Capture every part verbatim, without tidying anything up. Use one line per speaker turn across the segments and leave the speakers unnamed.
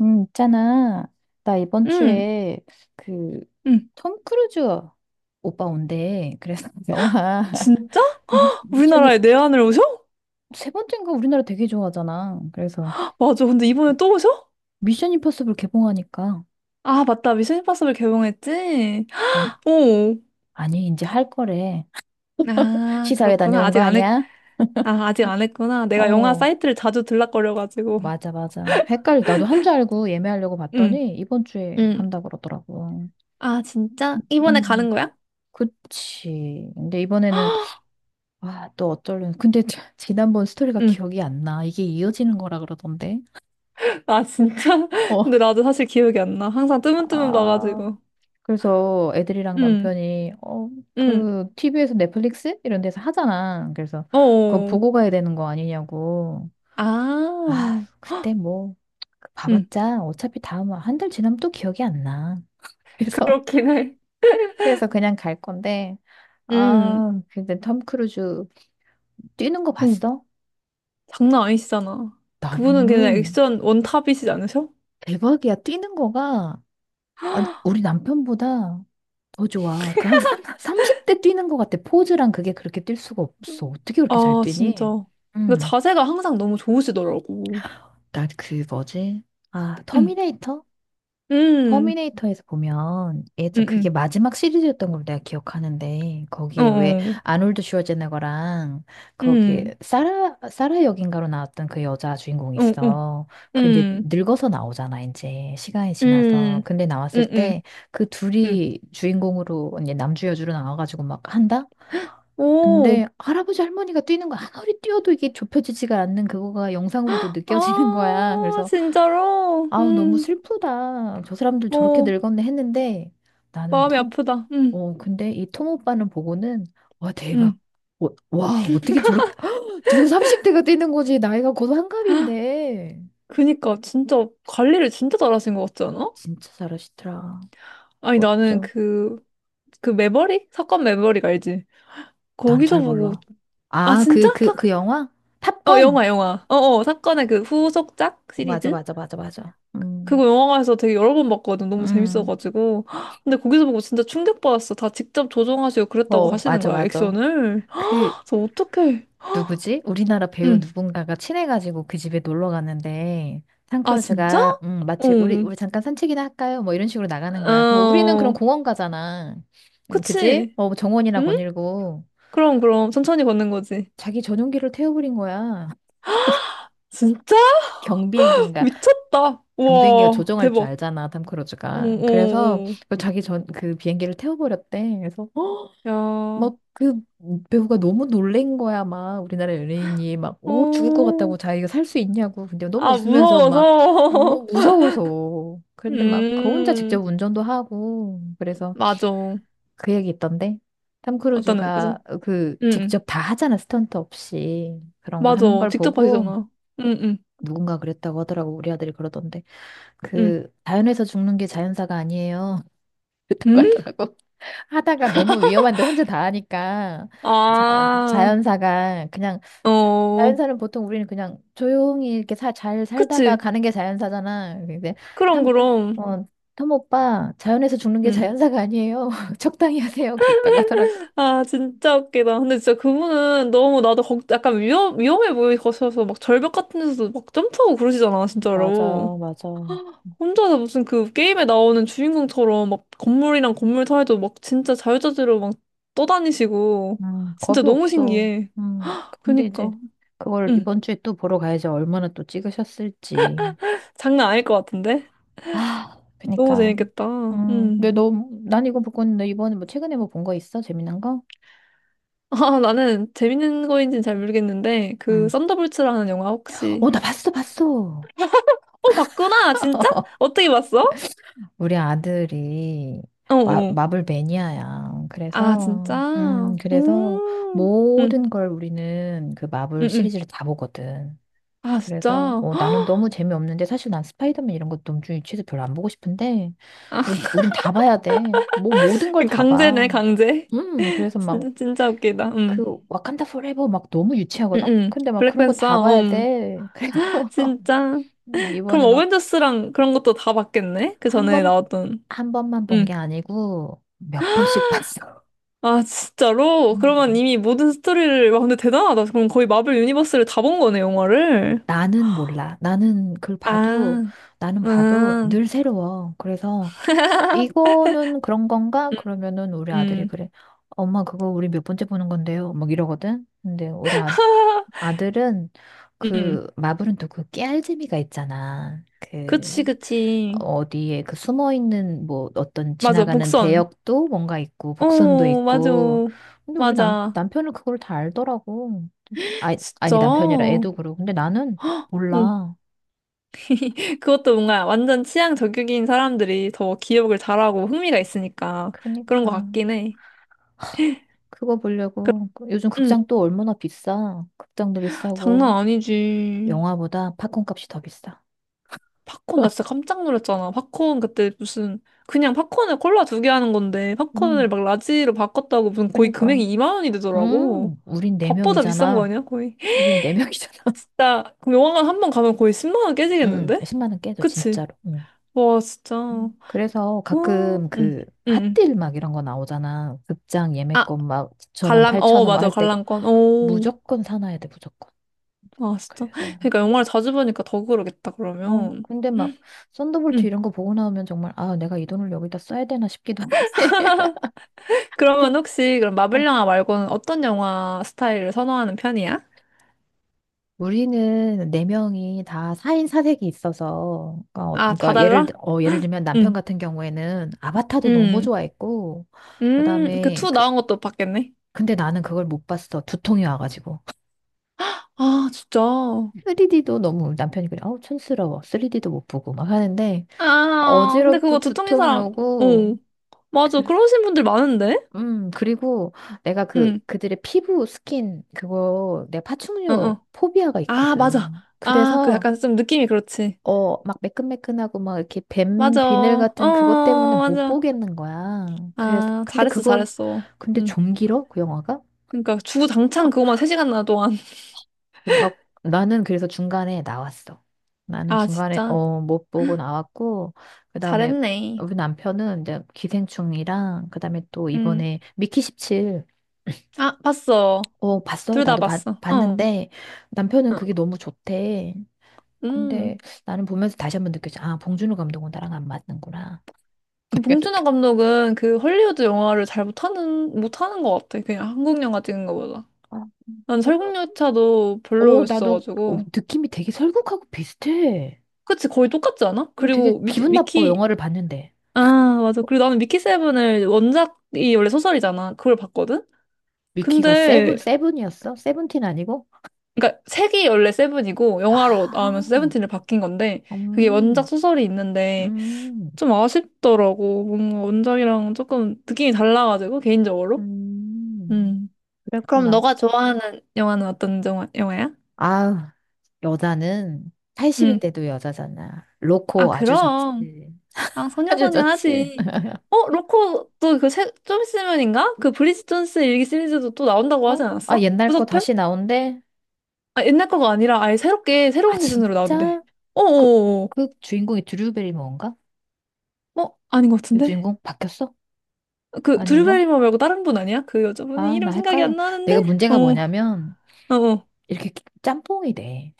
음, 있잖아. 나 이번
응,
주에 그,
응.
톰 크루즈 오빠 온대. 그래서 영화,
진짜?
미, 미션이,
우리나라에 내한을 오셔?
세 번째인가 우리나라 되게 좋아하잖아. 그래서
맞아. 근데 이번에 또 오셔?
미션 임퍼서블 개봉하니까.
아, 맞다. 미션 임파서블 개봉했지?
아니,
오.
아니, 이제 할 거래.
아,
시사회
그렇구나.
다녀온 거
아직 안 했,
아니야?
아, 아직 안 했구나. 내가 영화
어,
사이트를 자주 들락거려가지고.
맞아, 맞아. 헷갈리, 나도 한 줄 알고 예매하려고
응,
봤더니 이번 주에
응.
한다 그러더라고.
아, 진짜? 이번에 가는
음,
거야?
그치. 근데 이번에는 아, 또 어쩌려는. 근데 지- 지난번 스토리가
응.
기억이 안 나. 이게 이어지는 거라 그러던데.
아, 진짜?
어,
근데 나도 사실 기억이 안 나. 항상 뜨문뜨문
아,
봐가지고.
그래서 애들이랑
응,
남편이, 어,
응.
그, 티비에서 넷플릭스? 이런 데서 하잖아. 그래서 그거
어.
보고 가야 되는 거 아니냐고.
아.
아, 그때 뭐,
응.
봐봤자 어차피 다음, 한 달 지나면 또 기억이 안 나. 그래서,
그렇긴 해.
그래서 그냥 갈 건데.
응.
아, 근데 톰 크루즈 뛰는 거
어.
봤어?
장난 아니시잖아. 그분은 그냥
나는
액션 원탑이시지 않으셔?
대박이야. 뛰는 거가. 아니, 우리 남편보다 더 좋아. 그 한 삼십 대 뛰는 것 같아. 포즈랑 그게 그렇게 뛸 수가 없어.
음.
어떻게 그렇게 잘
아,
뛰니?
진짜. 근
응.
자세가 항상 너무 좋으시더라고.
나 그 뭐지? 아,
응,
터미네이터?
응,
터미네이터에서 보면 예전
응,
그게
응,
마지막 시리즈였던 걸 내가 기억하는데 거기에 왜
어어,
아놀드 슈워제네거랑 거기에
응,
사라 사라 역인가로 나왔던 그 여자 주인공이
어어, 응,
있어. 그 이제
응,
늙어서 나오잖아 이제 시간이 지나서.
응,
근데 나왔을
응,
때 그
응.
둘이 주인공으로 이제 남주 여주로 나와가지고 막 한다.
오,
근데 할아버지 할머니가 뛰는 거 아무리 뛰어도 이게 좁혀지지가 않는 그거가 영상으로도 느껴지는 거야.
아,
그래서
진짜로?
아우, 너무
응,
슬프다. 저 사람들 저렇게
어,
늙었네 했는데 나는
마음이
참,
아프다. 응,
어, 근데 이 톰 오빠는 보고는 와, 대박.
응.
어, 와, 어떻게 저렇게, 저거 삼십 대가 뛰는 거지. 나이가 곧 한갑인데.
그니까, 진짜, 관리를 진짜 잘하신 것 같지 않아?
진짜 잘하시더라.
아니, 나는
멋져.
그, 그 매버릭? 사건 매버릭 알지?
난
거기서
잘
보고
몰라.
아,
아,
진짜?
그, 그,
탁,
그 영화?
어,
탑건?
영화, 영화. 어, 어, 사건의 그 후속작
어, 맞아,
시리즈?
맞아, 맞아, 맞아. 음,
그거 영화관에서 되게 여러 번 봤거든. 너무
음.
재밌어가지고. 헉, 근데 거기서 보고 진짜 충격받았어. 다 직접 조정하시고 그랬다고
어,
하시는
맞아,
거야,
맞아.
액션을.
그,
헉, 그래서 어떡해.
누구지? 우리나라 배우
응.
누군가가 친해가지고 그 집에 놀러 갔는데
아, 진짜?
탕크루즈가 음, 마치 우리
응.
우리 잠깐 산책이나 할까요? 뭐 이런 식으로 나가는 거야. 그럼 우리는 그런
어,
공원 가잖아. 음, 그지?
그치.
어, 뭐 정원이나
응?
거닐고
그럼, 그럼. 천천히 걷는 거지.
자기 전용기를 태워버린 거야.
진짜?
경비행기인가?
미쳤다.
경비행기가
우와,
조종할 줄
대박.
알잖아, 탐크루즈가.
응,
그래서
응,
그 자기 전 그 비행기를 태워버렸대. 그래서 어,
응. 야, 어,
막 그 배우가 너무 놀란 거야. 막 우리나라 연예인이 막, 어, 죽을 것 같다고 자기가 살 수 있냐고. 근데 너무
아,
웃으면서 막, 어,
무서워서.
무서워서. 그런데 막 그 혼자 직접
음,
운전도 하고. 그래서
맞아.
그 얘기 있던데. 탐
어떤 애거 응,
크루즈가 그
응.
직접 다 하잖아. 스턴트 없이. 그런 거 하는
맞아.
걸
직접
보고
하시잖아. 응, 응,
누군가 그랬다고 하더라고. 우리 아들이 그러던데.
응.
그 자연에서 죽는 게 자연사가 아니에요. 그랬다고
응?
하더라고. 하다가 너무 위험한데 혼자 다 하니까 자,
아,
자연사가 그냥 자-
어,
자연사는 보통 우리는 그냥 조용히 이렇게 사, 잘 살다가
그치.
가는 게 자연사잖아. 근데
그럼,
탐,
그럼.
어, 톰 오빠 자연에서 죽는 게
응.
자연사가 아니에요. 적당히 하세요. 그랬다고 하더라고.
아, 진짜 웃기다. 근데 진짜 그분은 너무 나도 걱, 약간 위험, 위험해 보이셔서 막 절벽 같은 데서도 막 점프하고 그러시잖아, 진짜로.
맞아, 맞아.
혼자서 무슨 그 게임에 나오는 주인공처럼 막 건물이랑 건물 사이도 막 진짜 자유자재로 막 떠다니시고.
음, 겁이
진짜 너무
없어.
신기해.
음, 근데 이제
그니까.
그걸
응.
이번 주에 또 보러 가야지 얼마나 또 찍으셨을지.
장난 아닐 것 같은데?
아,
너무
그니까.
재밌겠다.
음, 근데
음.
너, 난 이거 못 봤는데 이번에 뭐 최근에 뭐 본 거 있어? 재미난 거?
아, 나는 재밌는 거인지는 잘 모르겠는데, 그,
응.
썬더볼츠라는 영화
어,
혹시.
나 봤어, 봤어.
어, 봤구나! 진짜? 어떻게 봤어?
우리 아들이
어,
마,
어.
마블 매니아야.
아,
그래서,
진짜?
음, 그래서
음. 음,
모든 걸 우리는 그 마블
응 응.
시리즈를 다 보거든.
아,
그래서,
진짜?
어, 나는 너무 재미없는데, 사실 난 스파이더맨 이런 것도 너무 유치해서 별로 안 보고 싶은데,
아,
우린, 우린 다 봐야 돼. 뭐, 모든 걸 다
강제네,
봐.
강제.
음, 그래서 막,
진짜, 진짜 웃기다. 음.
그 와칸다 포레버 막 너무
응
유치하거든?
응.
근데 막 그런 거 다
블랙팬서,
봐야
음.
돼. 그래서
진짜. 그럼
이번에 막
어벤져스랑 그런 것도 다 봤겠네? 그
한
전에
번,
나왔던.
한 번만 본 게
음.
아니고 몇 번씩 봤어.
아, 진짜로? 그러면
음.
이미 모든 스토리를, 와, 근데 대단하다. 그럼 거의 마블 유니버스를 다 본 거네, 영화를.
나는 몰라. 나는 그걸 봐도,
아,
나는 봐도
아,
늘 새로워. 그래서 어, 이거는 그런 건가? 그러면은 우리 아들이
음, 음.
그래. 엄마 그거 우리 몇 번째 보는 건데요. 막 이러거든. 근데 우리 아, 아들은 그 마블은 또 그 깨알 재미가 있잖아.
그치,
그
그치.
어디에 그 숨어 있는 뭐 어떤
맞아,
지나가는
복선.
대역도 뭔가 있고 복선도
오, 맞아.
있고 근데 우리 남
맞아.
남편은 그걸 다 알더라고 아
진짜?
아니 남편이라 애도 그러고 근데 나는
응.
몰라
그것도 뭔가 완전 취향 저격인 사람들이 더 기억을 잘하고 흥미가 있으니까 그런 것
그러니까
같긴 해.
그거 보려고 그- 요즘
응,
극장 또 얼마나 비싸 극장도
장난
비싸고
아니지.
영화보다 팝콘 값이 더 비싸
팝콘 나 진짜 깜짝 놀랐잖아. 팝콘 그때 무슨 그냥 팝콘에 콜라 두 개 하는 건데
음
팝콘을 막 라지로 바꿨다고 무슨 거의
그러니까
금액이 이만 원이 되더라고.
음 우린 네
밥보다 비싼 거
명이잖아
아니야 거의?
우린 네 명이잖아
진짜 그럼 영화관 한 번 가면 거의 십만 원
음
깨지겠는데?
십만 원 깨져
그치?
진짜로 음.
와 진짜. 어,
음. 그래서
응,
가끔
응,
그
응.
핫딜 막 이런 거 나오잖아. 극장
아
예매권 막구천 원
관람
팔천
어
원 막
맞아
할 때
관람권. 오,
무조건 사놔야 돼, 무조건.
아 진짜.
그래서
그러니까 영화를 자주 보니까 더 그러겠다
어
그러면.
근데 막 썬더볼트
응.
이런 거 보고 나오면 정말 아, 내가 이 돈을 여기다 써야 되나 싶기도 하고. 그-
그러면 혹시 그럼
어,
마블 영화 말고는 어떤 영화 스타일을 선호하는 편이야?
우리는 네 명이 다 사인사색이 있어서 그러니까 어,
아, 다
그러니까 예를
달라?
들- 어, 예를 들면 남편
응,
같은 경우에는 아바타도 너무
응,
좋아했고
음, 그
그다음에
투
그
나온 것도 봤겠네.
근데 나는 그걸 못 봤어. 두통이 와가지고.
아, 진짜.
쓰리디도 너무 남편이 그래, 어우, 촌스러워. 쓰리디도 못 보고 막 하는데,
아, 근데
어지럽고
그거 두통인
두통이
사람,
오고,
오, 맞아.
그,
그러신 분들 많은데?
음, 그리고 내가 그,
응,
그들의 피부 스킨, 그거, 내가
어,
파충류
어.
포비아가
아, 맞아.
있거든.
아, 그
그래서,
약간 좀 느낌이 그렇지.
어, 막 매끈매끈하고 막 이렇게 뱀
맞아.
비늘 같은 그것 때문에
어,
못
맞아.
보겠는 거야. 그래서,
아,
근데
잘했어,
그걸,
잘했어.
근데
응.
좀 길어? 그 영화가?
그러니까 주구장창 그거만 세 시간이나 동안.
막 나는 그래서 중간에 나왔어. 나는
아,
중간에
진짜.
어 못 보고 나왔고 그다음에
잘했네.
우리 남편은 이제 기생충이랑 그다음에 또
응.
이번에 미키 십칠.
아, 봤어.
어 봤어.
둘 다
나도 봤,
봤어. 어,
봤는데 남편은 그게
어,
너무 좋대.
음.
근데 나는 보면서 다시 한번 느꼈지. 아, 봉준호 감독은 나랑 안 맞는구나.
그
내가 느꼈.
봉준호 감독은 그 헐리우드 영화를 잘 못하는, 못하는 것 같아. 그냥 한국 영화 찍는 것보다.
어,
난
그래서
설국열차도
어 나도 어,
별로였어가지고.
느낌이 되게 설국하고 비슷해.
그치, 거의 똑같지 않아?
어, 되게
그리고 미,
기분 나빠
미키,
영화를 봤는데.
아, 맞아. 그리고 나는 미키 세븐을 원작이 원래 소설이잖아. 그걸 봤거든?
위키가 세븐,
근데,
세븐이었어? 세븐틴 아니고?
그니까 색이 원래 세븐이고, 영화로 나오면서
아,
세븐틴을 바뀐 건데, 그게 원작
음,
소설이 있는데,
음,
좀 아쉽더라고. 뭔가 원작이랑 조금 느낌이 달라가지고, 개인적으로.
음.
음. 그럼
그랬구나.
너가 좋아하는 영화는 어떤 영화, 영화야?
아, 여자는 팔십이
응.
돼도 여자잖아.
아,
로코 아주 좋지.
그럼. 아,
아주
소녀소녀
좋지.
하지. 어, 로코 또그좀 있으면인가? 그 브리짓 존스 일기 시리즈도 또 나온다고
어?
하지
아,
않았어?
옛날 거
후속편?
다시 나온대?
아, 옛날 거가 아니라 아예 새롭게
아,
새로운 시즌으로 나온대.
진짜? 그,
어어어. 어,
그 주인공이 드류 베리모어인가?
어, 어. 어, 아닌 것
요
같은데?
주인공 바뀌었어?
그 드류
아닌가?
베리머 말고 다른 분 아니야? 그 여자분이
아, 나
이름 생각이
헷갈려.
안 나는데?
내가 문제가
어,
뭐냐면,
어어.
이렇게 짬뽕이 돼.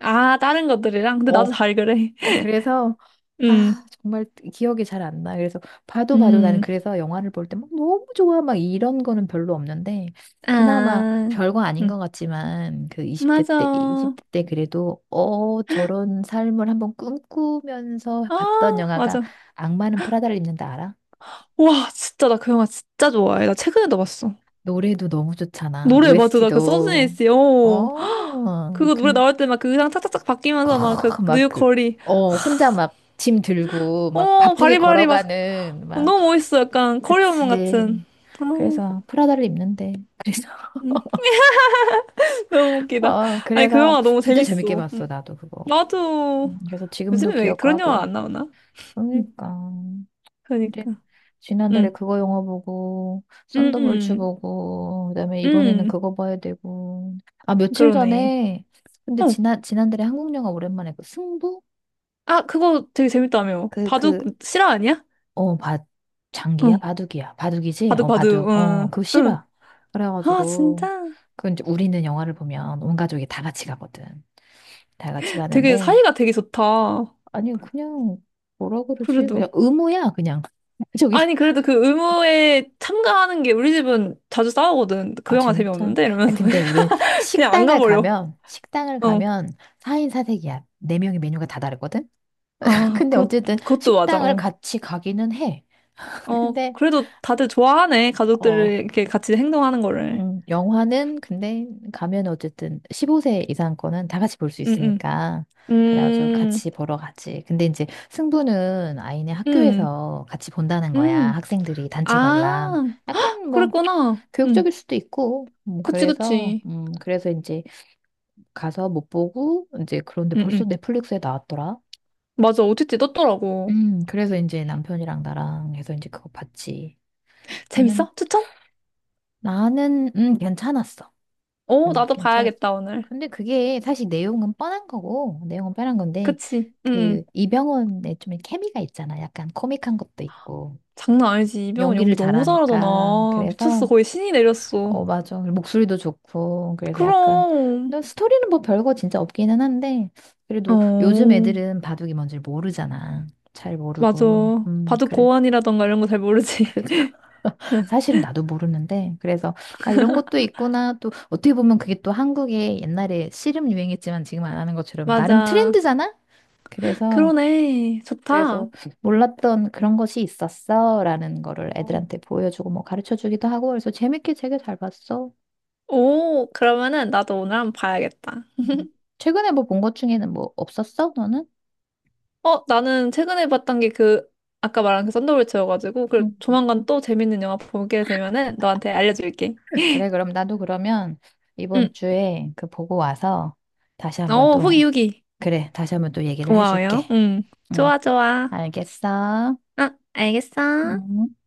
아, 다른 것들이랑? 근데
어,
나도 잘 그래.
어, 그래서
음,
아, 정말 기억이 잘 안 나. 그래서 봐도 봐도 나는
음.
그래서 영화를 볼 때 막 너무 좋아 막 이런 거는 별로 없는데 그나마
아,
별거 아닌 것
음.
같지만 그 이십 대 때
맞아.
이십 대 때 그래도 어 저런 삶을 한번 꿈꾸면서 봤던
아,
영화가
맞아.
악마는 프라다를 입는다 알아?
와, 진짜 나 그 영화 진짜 좋아해. 나 최근에도 봤어.
노래도 너무 좋잖아.
노래 맞아. 나 그 서준이
오에스티도
씨. 어.
어,
그거 노래
그래.
나올 때 막 그 의상 착착착 바뀌면서 막 그
막
뉴욕
그,
거리.
어, 혼자 막 짐 들고 막
어,
바쁘게
바리바리 막
걸어가는
어,
막
너무 멋있어. 약간 커리어몬 같은.
그치.
아,
그래서 프라다를 입는데. 그래서,
음, 너무 웃기다.
어,
아니 그
그래서
영화 너무
진짜 재밌게
재밌어.
봤어,
음.
나도 그거.
나도
음, 그래서 지금도
요즘에 왜 그런 영화
기억하고.
안 나오나? 음,
그러니까. 근데
그러니까.
지난달에
음.
그거 영화 보고, 썬더볼츠
음.
보고, 그다음에 이번에는
음. 음.
그거 봐야 되고. 아, 며칠
그러네.
전에, 근데
어.
지난, 지난달에 한국 영화 오랜만에 그 승부?
아, 그거 되게 재밌다며.
그
바둑
그.
실화 아니야?
어, 바, 장기야?
어.
바둑이야. 바둑이지? 어,
바둑바둑,
바둑. 어,
응,
그거
응.
싫어.
아,
그래가지고,
진짜?
그 이제 우리는 영화를 보면 온 가족이 다 같이 가거든. 다 같이
되게
가는데,
사이가 되게 좋다.
아니, 그냥, 뭐라 그러지? 그냥
그래도.
의무야, 그냥. 저기,
아니, 그래도 그 의무에 참가하는 게 우리 집은 자주 싸우거든. 그
아,
영화
진짜?
재미없는데?
아,
이러면서.
근데 우린
그냥 안
식당을
가버려.
가면, 식당을
어.
가면 사 인 사 색이야. 네명의 메뉴가 다 다르거든?
아,
근데
그것,
어쨌든
그것도 맞아.
식당을
어.
같이 가기는 해.
어,
근데,
그래도 다들 좋아하네.
어...
가족들이 이렇게 같이 행동하는 거를.
음, 영화는 근데 가면 어쨌든 십오 세 이상 거는 다 같이 볼 수
응, 응.
있으니까 그래가지고
음,
같이 보러 가지. 근데 이제 승부는 아이네
음,
학교에서 같이 본다는 거야.
음.
학생들이 단체 관람.
아,
약간 뭐
그랬구나.
교육적일
응.
수도 있고. 음,
그치,
그래서
그치.
음, 그래서 이제 가서 못 보고 이제 그런데
응,
벌써
응.
넷플릭스에 나왔더라.
맞아. 오 티 티 떴더라고.
음, 그래서 이제 남편이랑 나랑 해서 이제 그거 봤지. 나는
재밌어? 추천?
나는 음, 괜찮았어.
어,
응,
나도
괜찮았어.
봐야겠다, 오늘.
근데 그게 사실 내용은 뻔한 거고, 내용은 뻔한 건데,
그치? 응.
그,
응.
이병헌의 좀 케미가 있잖아. 약간 코믹한 것도 있고,
장난 아니지. 이병헌
연기를
연기 너무
잘하니까.
잘하잖아. 미쳤어.
그래서,
거의 신이 내렸어.
어, 맞아. 목소리도 좋고, 그래서 약간,
그럼.
근데 스토리는 뭐 별거 진짜 없기는 한데, 그래도 요즘
어,
애들은 바둑이 뭔지 모르잖아. 잘
맞아.
모르고. 음,
바둑
그래.
고환이라던가 이런 거 잘 모르지.
그,
응,
사실 나도 모르는데 그래서 아 이런 것도 있구나 또 어떻게 보면 그게 또 한국에 옛날에 씨름 유행했지만 지금 안 하는 것처럼 나름
맞아.
트렌드잖아? 그래서
그러네.
그래서
좋다.
몰랐던 그런 것이 있었어라는 거를
어.
애들한테 보여주고 뭐 가르쳐 주기도 하고 그래서 재밌게 되게 잘 봤어.
오, 그러면은 나도 오늘 한번 봐야겠다.
음. 최근에 뭐 본 것 중에는 뭐 없었어? 너는?
어, 나는 최근에 봤던 게 그, 아까 말한 그 썬더볼츠여가지고, 그
음.
조만간 또 재밌는 영화 보게 되면은 너한테 알려줄게.
그래 그럼 나도 그러면 이번
응.
주에 그 보고 와서 다시 한번
어, 후기,
또
후기.
그래 다시 한번 또 얘기를 해줄게.
고마워요. 응.
응.
좋아, 좋아.
알겠어.
아, 알겠어.
응.